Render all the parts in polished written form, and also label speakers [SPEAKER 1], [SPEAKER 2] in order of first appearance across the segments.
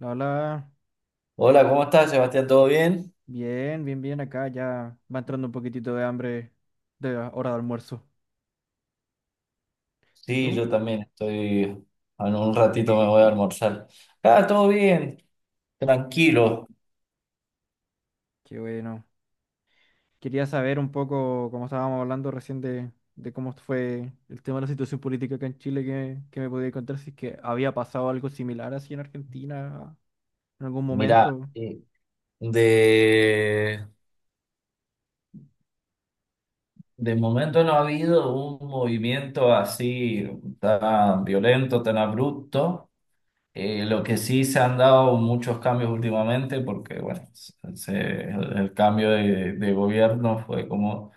[SPEAKER 1] La hola,
[SPEAKER 2] Hola, ¿cómo estás, Sebastián? ¿Todo bien?
[SPEAKER 1] bien, bien, bien acá, ya va entrando un poquitito de hambre de la hora de almuerzo. ¿Y
[SPEAKER 2] Sí,
[SPEAKER 1] tú?
[SPEAKER 2] yo también estoy. En un ratito me voy a almorzar. Ah, todo bien, tranquilo.
[SPEAKER 1] Qué bueno. Quería saber un poco, como estábamos hablando recién de cómo fue el tema de la situación política acá en Chile, que me podía contar si es que había pasado algo similar así en Argentina en algún
[SPEAKER 2] Mirá,
[SPEAKER 1] momento.
[SPEAKER 2] de, de momento no ha habido un movimiento así tan violento, tan abrupto. Lo que sí se han dado muchos cambios últimamente, porque bueno, el cambio de gobierno fue como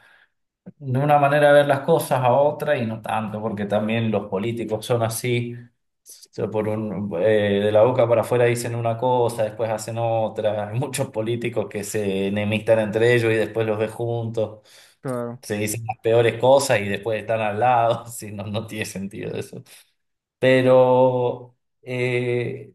[SPEAKER 2] de una manera de ver las cosas a otra y no tanto, porque también los políticos son así, por un, de la boca para afuera dicen una cosa, después hacen otra. Hay muchos políticos que se enemistan entre ellos y después los ves juntos,
[SPEAKER 1] Claro,
[SPEAKER 2] se dicen las peores cosas y después están al lado. Si no, no tiene sentido eso. Pero eh,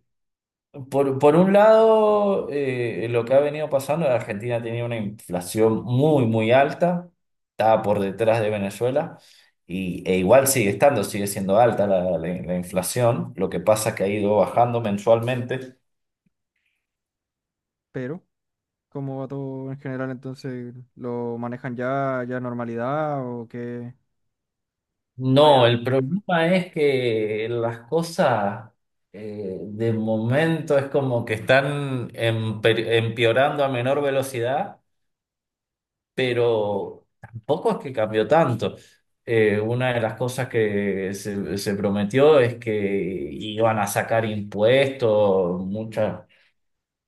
[SPEAKER 2] por un lado, lo que ha venido pasando, la Argentina tenía una inflación muy, muy alta, estaba por detrás de Venezuela, e igual sigue estando, sigue siendo alta la inflación. Lo que pasa es que ha ido bajando mensualmente.
[SPEAKER 1] pero ¿cómo va todo en general entonces? ¿Lo manejan ya normalidad o qué?
[SPEAKER 2] No,
[SPEAKER 1] Había...
[SPEAKER 2] el problema es que las cosas de momento es como que están empeorando a menor velocidad. Pero tampoco es que cambió tanto. Una de las cosas que se prometió es que iban a sacar impuestos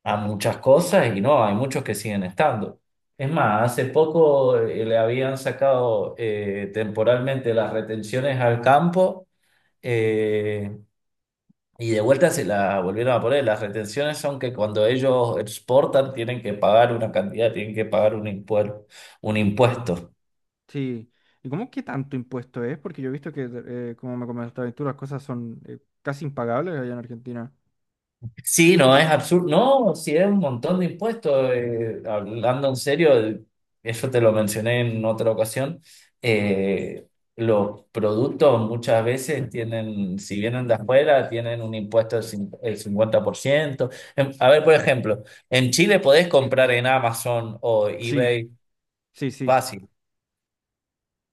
[SPEAKER 2] a muchas cosas y no, hay muchos que siguen estando. Es más, hace poco le habían sacado temporalmente las retenciones al campo, eh, y de vuelta se la volvieron a poner. Las retenciones son que cuando ellos exportan tienen que pagar una cantidad, tienen que pagar un impuesto.
[SPEAKER 1] Sí. ¿Y cómo que tanto impuesto es? Porque yo he visto que, como me comentaste tú, las cosas son casi impagables allá en Argentina.
[SPEAKER 2] Sí, no, es absurdo. No, sí, es un montón de impuestos. Hablando en serio, eso te lo mencioné en otra ocasión. eh, los productos muchas veces tienen, si vienen de afuera, tienen un impuesto del cin- el 50%. A ver, por ejemplo, en Chile podés comprar en Amazon o
[SPEAKER 1] Sí,
[SPEAKER 2] eBay
[SPEAKER 1] sí, sí,
[SPEAKER 2] fácil.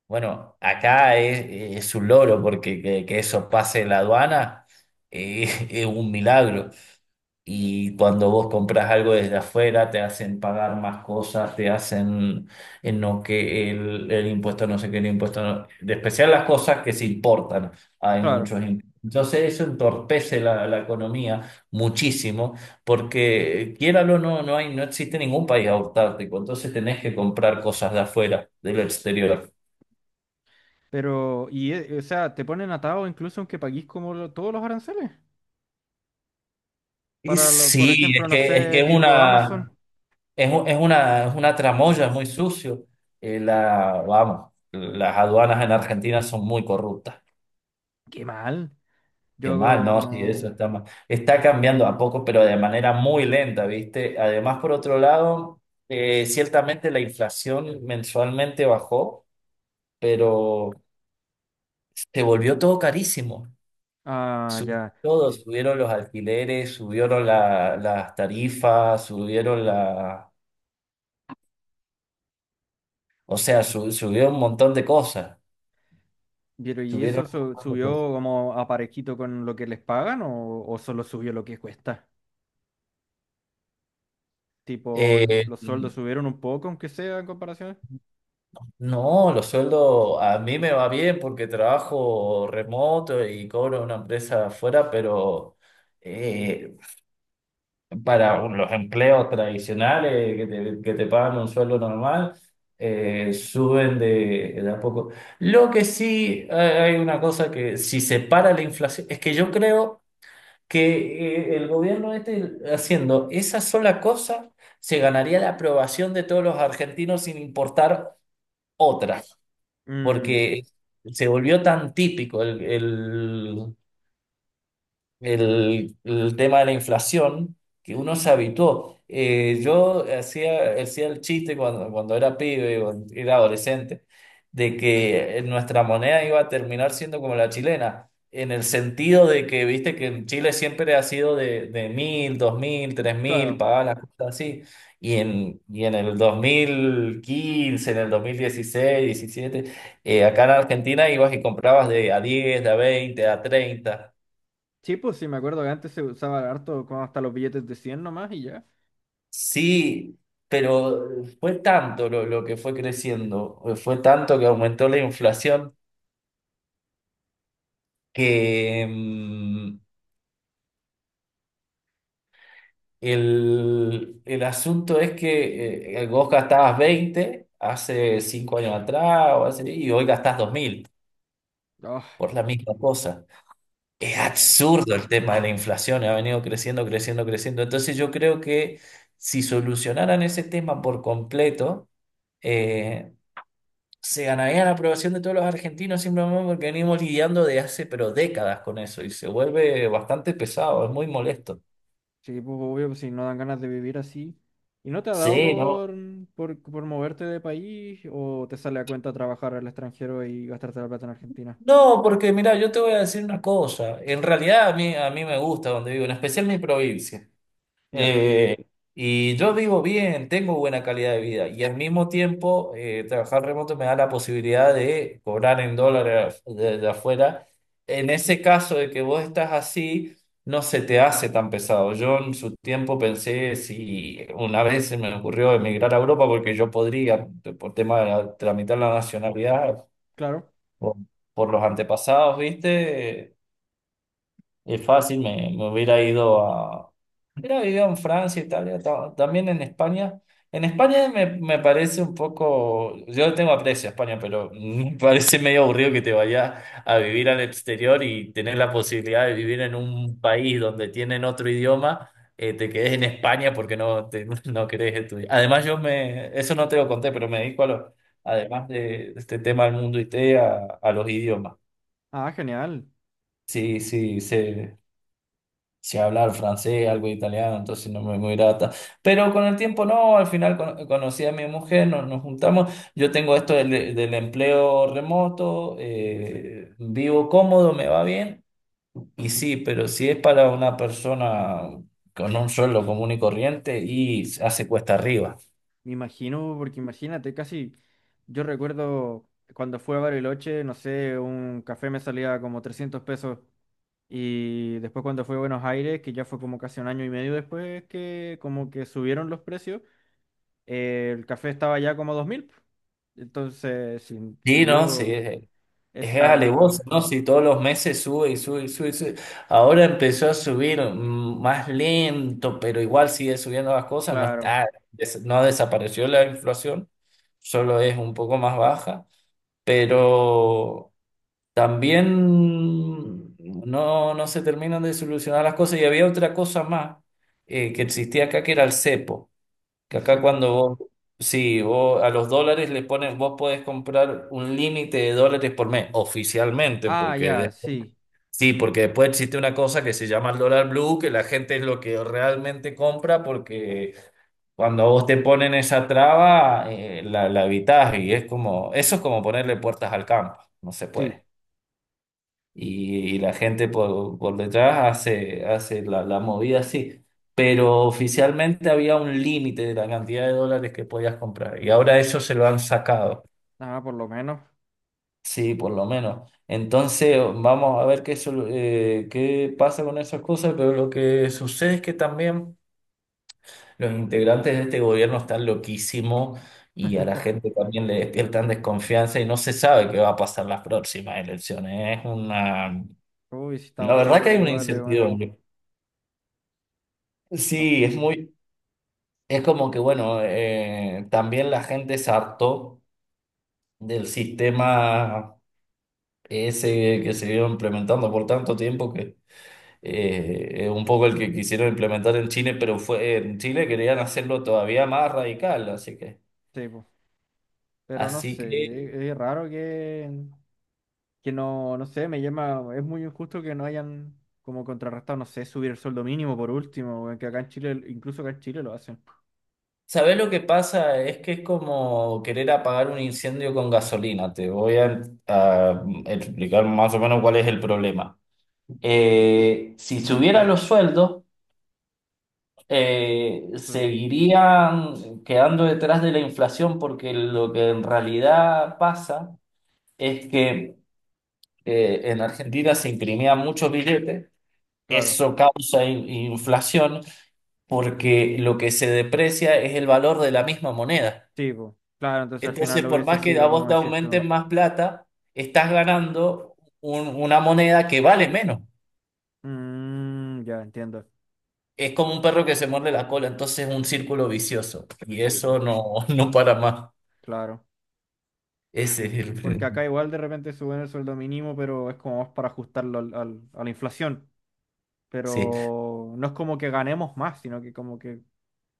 [SPEAKER 2] Bueno, acá es un logro porque que eso pase la aduana, eh, es un milagro. Y cuando vos compras algo desde afuera, te hacen pagar más cosas, te hacen en no que el impuesto no sé qué, el impuesto de especial las cosas que se importan. Hay
[SPEAKER 1] claro.
[SPEAKER 2] muchos impuestos. Entonces eso entorpece la economía muchísimo, porque quiéralo o no, no hay, no existe ningún país autárquico, entonces tenés que comprar cosas de afuera, del exterior.
[SPEAKER 1] Pero, o sea, te ponen atado incluso aunque paguís como todos los aranceles.
[SPEAKER 2] Y
[SPEAKER 1] Para, por
[SPEAKER 2] sí, es
[SPEAKER 1] ejemplo, no
[SPEAKER 2] que, es
[SPEAKER 1] sé,
[SPEAKER 2] que es
[SPEAKER 1] tipo Amazon.
[SPEAKER 2] una. Es una tramoya, es muy sucio. Vamos, las aduanas en Argentina son muy corruptas.
[SPEAKER 1] Qué mal.
[SPEAKER 2] Qué mal, ¿no? Sí, eso
[SPEAKER 1] Yo...
[SPEAKER 2] está mal. Está cambiando a poco, pero de manera muy lenta, ¿viste? Además, por otro lado, ciertamente la inflación mensualmente bajó, pero se volvió todo carísimo.
[SPEAKER 1] Ah,
[SPEAKER 2] Subió
[SPEAKER 1] ya.
[SPEAKER 2] todo,
[SPEAKER 1] S-
[SPEAKER 2] subieron los alquileres, subieron las tarifas, o sea, subió un montón de cosas.
[SPEAKER 1] Pero, ¿y
[SPEAKER 2] Subieron
[SPEAKER 1] eso subió como a parejito con lo que les pagan o solo subió lo que cuesta? Tipo,
[SPEAKER 2] Eh,
[SPEAKER 1] los sueldos subieron un poco, aunque sea en comparación.
[SPEAKER 2] no, los sueldos a mí me va bien porque trabajo remoto y cobro una empresa afuera, pero eh, para los empleos tradicionales que te pagan un sueldo normal, suben de a poco. Lo que sí, hay una cosa que si se para la inflación, es que yo creo que el gobierno este haciendo esa sola cosa se ganaría la aprobación de todos los argentinos sin importar otra,
[SPEAKER 1] Mm,
[SPEAKER 2] porque se volvió tan típico el tema de la inflación, que uno se habituó. Yo hacía el chiste cuando era pibe, cuando era adolescente, de que nuestra moneda iba a terminar siendo como la chilena, en el sentido de que, viste, que en Chile siempre ha sido de 1000, 2000, 3000,
[SPEAKER 1] claro.
[SPEAKER 2] pagaba las cosas así. Y en el 2015, en el 2016, 17, acá en Argentina ibas y comprabas de a 10, de a 20, de a 30.
[SPEAKER 1] Sí, pues sí, me acuerdo que antes se usaba harto con hasta los billetes de 100 nomás y ya.
[SPEAKER 2] Sí, pero fue tanto lo que fue creciendo, fue tanto que aumentó la inflación que el asunto es que vos gastabas 20 hace 5 años atrás o así, y hoy gastás 2000
[SPEAKER 1] Ah,
[SPEAKER 2] por la misma cosa. Es
[SPEAKER 1] no.
[SPEAKER 2] absurdo el tema de la inflación, ha venido creciendo, creciendo, creciendo. Entonces yo creo que si solucionaran ese tema por completo, eh, se ganaría la aprobación de todos los argentinos simplemente porque venimos lidiando de hace pero décadas con eso y se vuelve bastante pesado, es muy molesto.
[SPEAKER 1] Sí, pues obvio, pues si no dan ganas de vivir así. ¿Y no te ha dado
[SPEAKER 2] Sí, ¿no?
[SPEAKER 1] por moverte de país o te sale a cuenta trabajar al extranjero y gastarte la plata en Argentina?
[SPEAKER 2] No, porque mira, yo te voy a decir una cosa, en realidad a mí me gusta donde vivo, en especial mi provincia.
[SPEAKER 1] Ya,
[SPEAKER 2] Eh, y yo vivo bien, tengo buena calidad de vida y al mismo tiempo, trabajar remoto me da la posibilidad de cobrar en dólares de afuera. En ese caso de que vos estás así, no se te hace tan pesado. Yo en su tiempo pensé si una vez se me ocurrió emigrar a Europa porque yo podría, por tema de tramitar la nacionalidad
[SPEAKER 1] claro.
[SPEAKER 2] por, por los antepasados, ¿viste? Es fácil, me hubiera ido. Mira, vivió en Francia, Italia, también en España. En España me parece un poco, yo no tengo aprecio a España, pero me parece medio aburrido que te vayas a vivir al exterior y tener la posibilidad de vivir en un país donde tienen otro idioma, te quedes en España porque no, no querés estudiar. Además, eso no te lo conté, pero me dedico a los, además de este tema del mundo IT, a los idiomas.
[SPEAKER 1] Ah, genial.
[SPEAKER 2] Sí, sí, sí, sé hablar francés, algo de italiano, entonces no me muy grata. Pero con el tiempo no, al final conocí a mi mujer, nos juntamos. Yo tengo esto del empleo remoto, vivo cómodo, me va bien. Y sí, pero si es para una persona con un sueldo común y corriente, y hace cuesta arriba.
[SPEAKER 1] Me imagino, porque imagínate, casi yo recuerdo cuando fui a Bariloche, no sé, un café me salía como 300 pesos. Y después cuando fue a Buenos Aires, que ya fue como casi un año y medio después, que como que subieron los precios, el café estaba ya como 2000 po. Entonces, sí,
[SPEAKER 2] Sí, no, sí.
[SPEAKER 1] subió
[SPEAKER 2] Es alevoso,
[SPEAKER 1] esa,
[SPEAKER 2] ¿no? Si todos los meses sube y sube y sube y sube. Ahora empezó a subir, más lento, pero igual sigue subiendo las cosas. No
[SPEAKER 1] claro,
[SPEAKER 2] está, no desapareció la inflación, solo es un poco más baja. Pero también no, no se terminan de solucionar las cosas. Y había otra cosa más, que existía acá, que era el cepo. Que
[SPEAKER 1] el
[SPEAKER 2] acá
[SPEAKER 1] cepo.
[SPEAKER 2] cuando vos, sí, vos a los dólares le pones, vos podés comprar un límite de dólares por mes, oficialmente,
[SPEAKER 1] Ah,
[SPEAKER 2] porque
[SPEAKER 1] ya, sí,
[SPEAKER 2] sí, porque después existe una cosa que se llama el dólar blue, que la gente es lo que realmente compra, porque cuando a vos te ponen esa traba, la evitás y es como, eso es como ponerle puertas al campo, no se
[SPEAKER 1] sí.
[SPEAKER 2] puede. Y la gente por detrás hace la movida así. Pero oficialmente había un límite de la cantidad de dólares que podías comprar y ahora eso se lo han sacado,
[SPEAKER 1] Nada, por lo menos.
[SPEAKER 2] sí, por lo menos. Entonces vamos a ver qué pasa con esas cosas, pero lo que sucede es que también los integrantes de este gobierno están loquísimos y a la gente también le despiertan desconfianza y no se sabe qué va a pasar las próximas elecciones.
[SPEAKER 1] Uy, si
[SPEAKER 2] La
[SPEAKER 1] estamos
[SPEAKER 2] verdad
[SPEAKER 1] todos
[SPEAKER 2] que hay una
[SPEAKER 1] iguales, weón.
[SPEAKER 2] incertidumbre.
[SPEAKER 1] Ah,
[SPEAKER 2] Sí, es muy, es como que bueno, también la gente se hartó del sistema ese que se vio implementando por tanto tiempo que es un poco el que quisieron implementar en Chile, pero fue en Chile querían hacerlo todavía más radical,
[SPEAKER 1] sí, po. Pero no
[SPEAKER 2] así que,
[SPEAKER 1] sé, es raro que no, no sé, me llama, es muy injusto que no hayan como contrarrestado, no sé, subir el sueldo mínimo por último, weón, que acá en Chile, incluso acá en Chile lo hacen.
[SPEAKER 2] ¿sabés lo que pasa? Es que es como querer apagar un incendio con gasolina. Te voy a explicar más o menos cuál es el problema. Si subieran los sueldos,
[SPEAKER 1] Mm,
[SPEAKER 2] seguirían quedando detrás de la inflación porque lo que en realidad pasa es que en Argentina se imprimían muchos billetes,
[SPEAKER 1] claro,
[SPEAKER 2] eso causa inflación porque lo que se deprecia es el valor de la misma moneda.
[SPEAKER 1] sí, po. Claro, entonces al final
[SPEAKER 2] Entonces,
[SPEAKER 1] lo
[SPEAKER 2] por
[SPEAKER 1] hubiese
[SPEAKER 2] más que a
[SPEAKER 1] sido
[SPEAKER 2] vos
[SPEAKER 1] como
[SPEAKER 2] te
[SPEAKER 1] decís tú.
[SPEAKER 2] aumenten más plata, estás ganando una moneda que vale menos.
[SPEAKER 1] Mm, ya entiendo.
[SPEAKER 2] Es como un perro que se muerde la cola, entonces es un círculo vicioso y
[SPEAKER 1] Sí, po.
[SPEAKER 2] eso no, no para más.
[SPEAKER 1] Claro. Sí,
[SPEAKER 2] Ese es
[SPEAKER 1] po,
[SPEAKER 2] el
[SPEAKER 1] porque
[SPEAKER 2] prim-
[SPEAKER 1] acá igual de repente suben el sueldo mínimo, pero es como más para ajustarlo a la inflación.
[SPEAKER 2] Sí,
[SPEAKER 1] Pero no es como que ganemos más, sino que como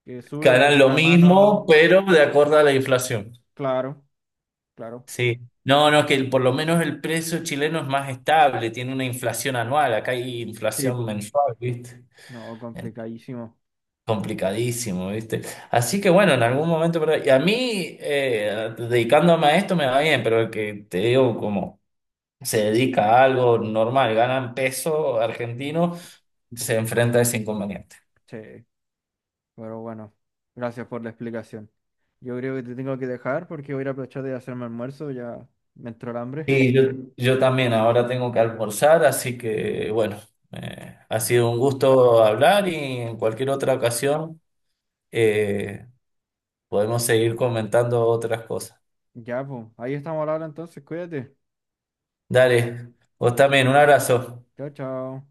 [SPEAKER 1] que sube
[SPEAKER 2] ganan
[SPEAKER 1] de
[SPEAKER 2] lo
[SPEAKER 1] la
[SPEAKER 2] mismo,
[SPEAKER 1] mano.
[SPEAKER 2] pero de acuerdo a la inflación.
[SPEAKER 1] Claro, claro.
[SPEAKER 2] Sí. No, no, que por lo menos el precio chileno es más estable, tiene una inflación anual, acá hay
[SPEAKER 1] Sí,
[SPEAKER 2] inflación
[SPEAKER 1] po.
[SPEAKER 2] mensual, ¿viste?
[SPEAKER 1] No,
[SPEAKER 2] En-
[SPEAKER 1] complicadísimo.
[SPEAKER 2] Complicadísimo, ¿viste? Así que bueno, en algún momento, y a mí, dedicándome a esto me va bien, pero el que te digo, como se dedica a algo normal, ganan peso argentino, se enfrenta a ese inconveniente.
[SPEAKER 1] Sí, pero bueno, gracias por la explicación. Yo creo que te tengo que dejar porque voy a ir a aprovechar de hacerme almuerzo, ya me entró el hambre.
[SPEAKER 2] Sí, yo también ahora tengo que almorzar, así que bueno, ha
[SPEAKER 1] Ah,
[SPEAKER 2] sido un gusto hablar y en cualquier otra ocasión, eh, podemos seguir comentando otras cosas.
[SPEAKER 1] ya, pues, ahí estamos hablando entonces, cuídate.
[SPEAKER 2] Dale, vos también, un abrazo.
[SPEAKER 1] Chao, chao.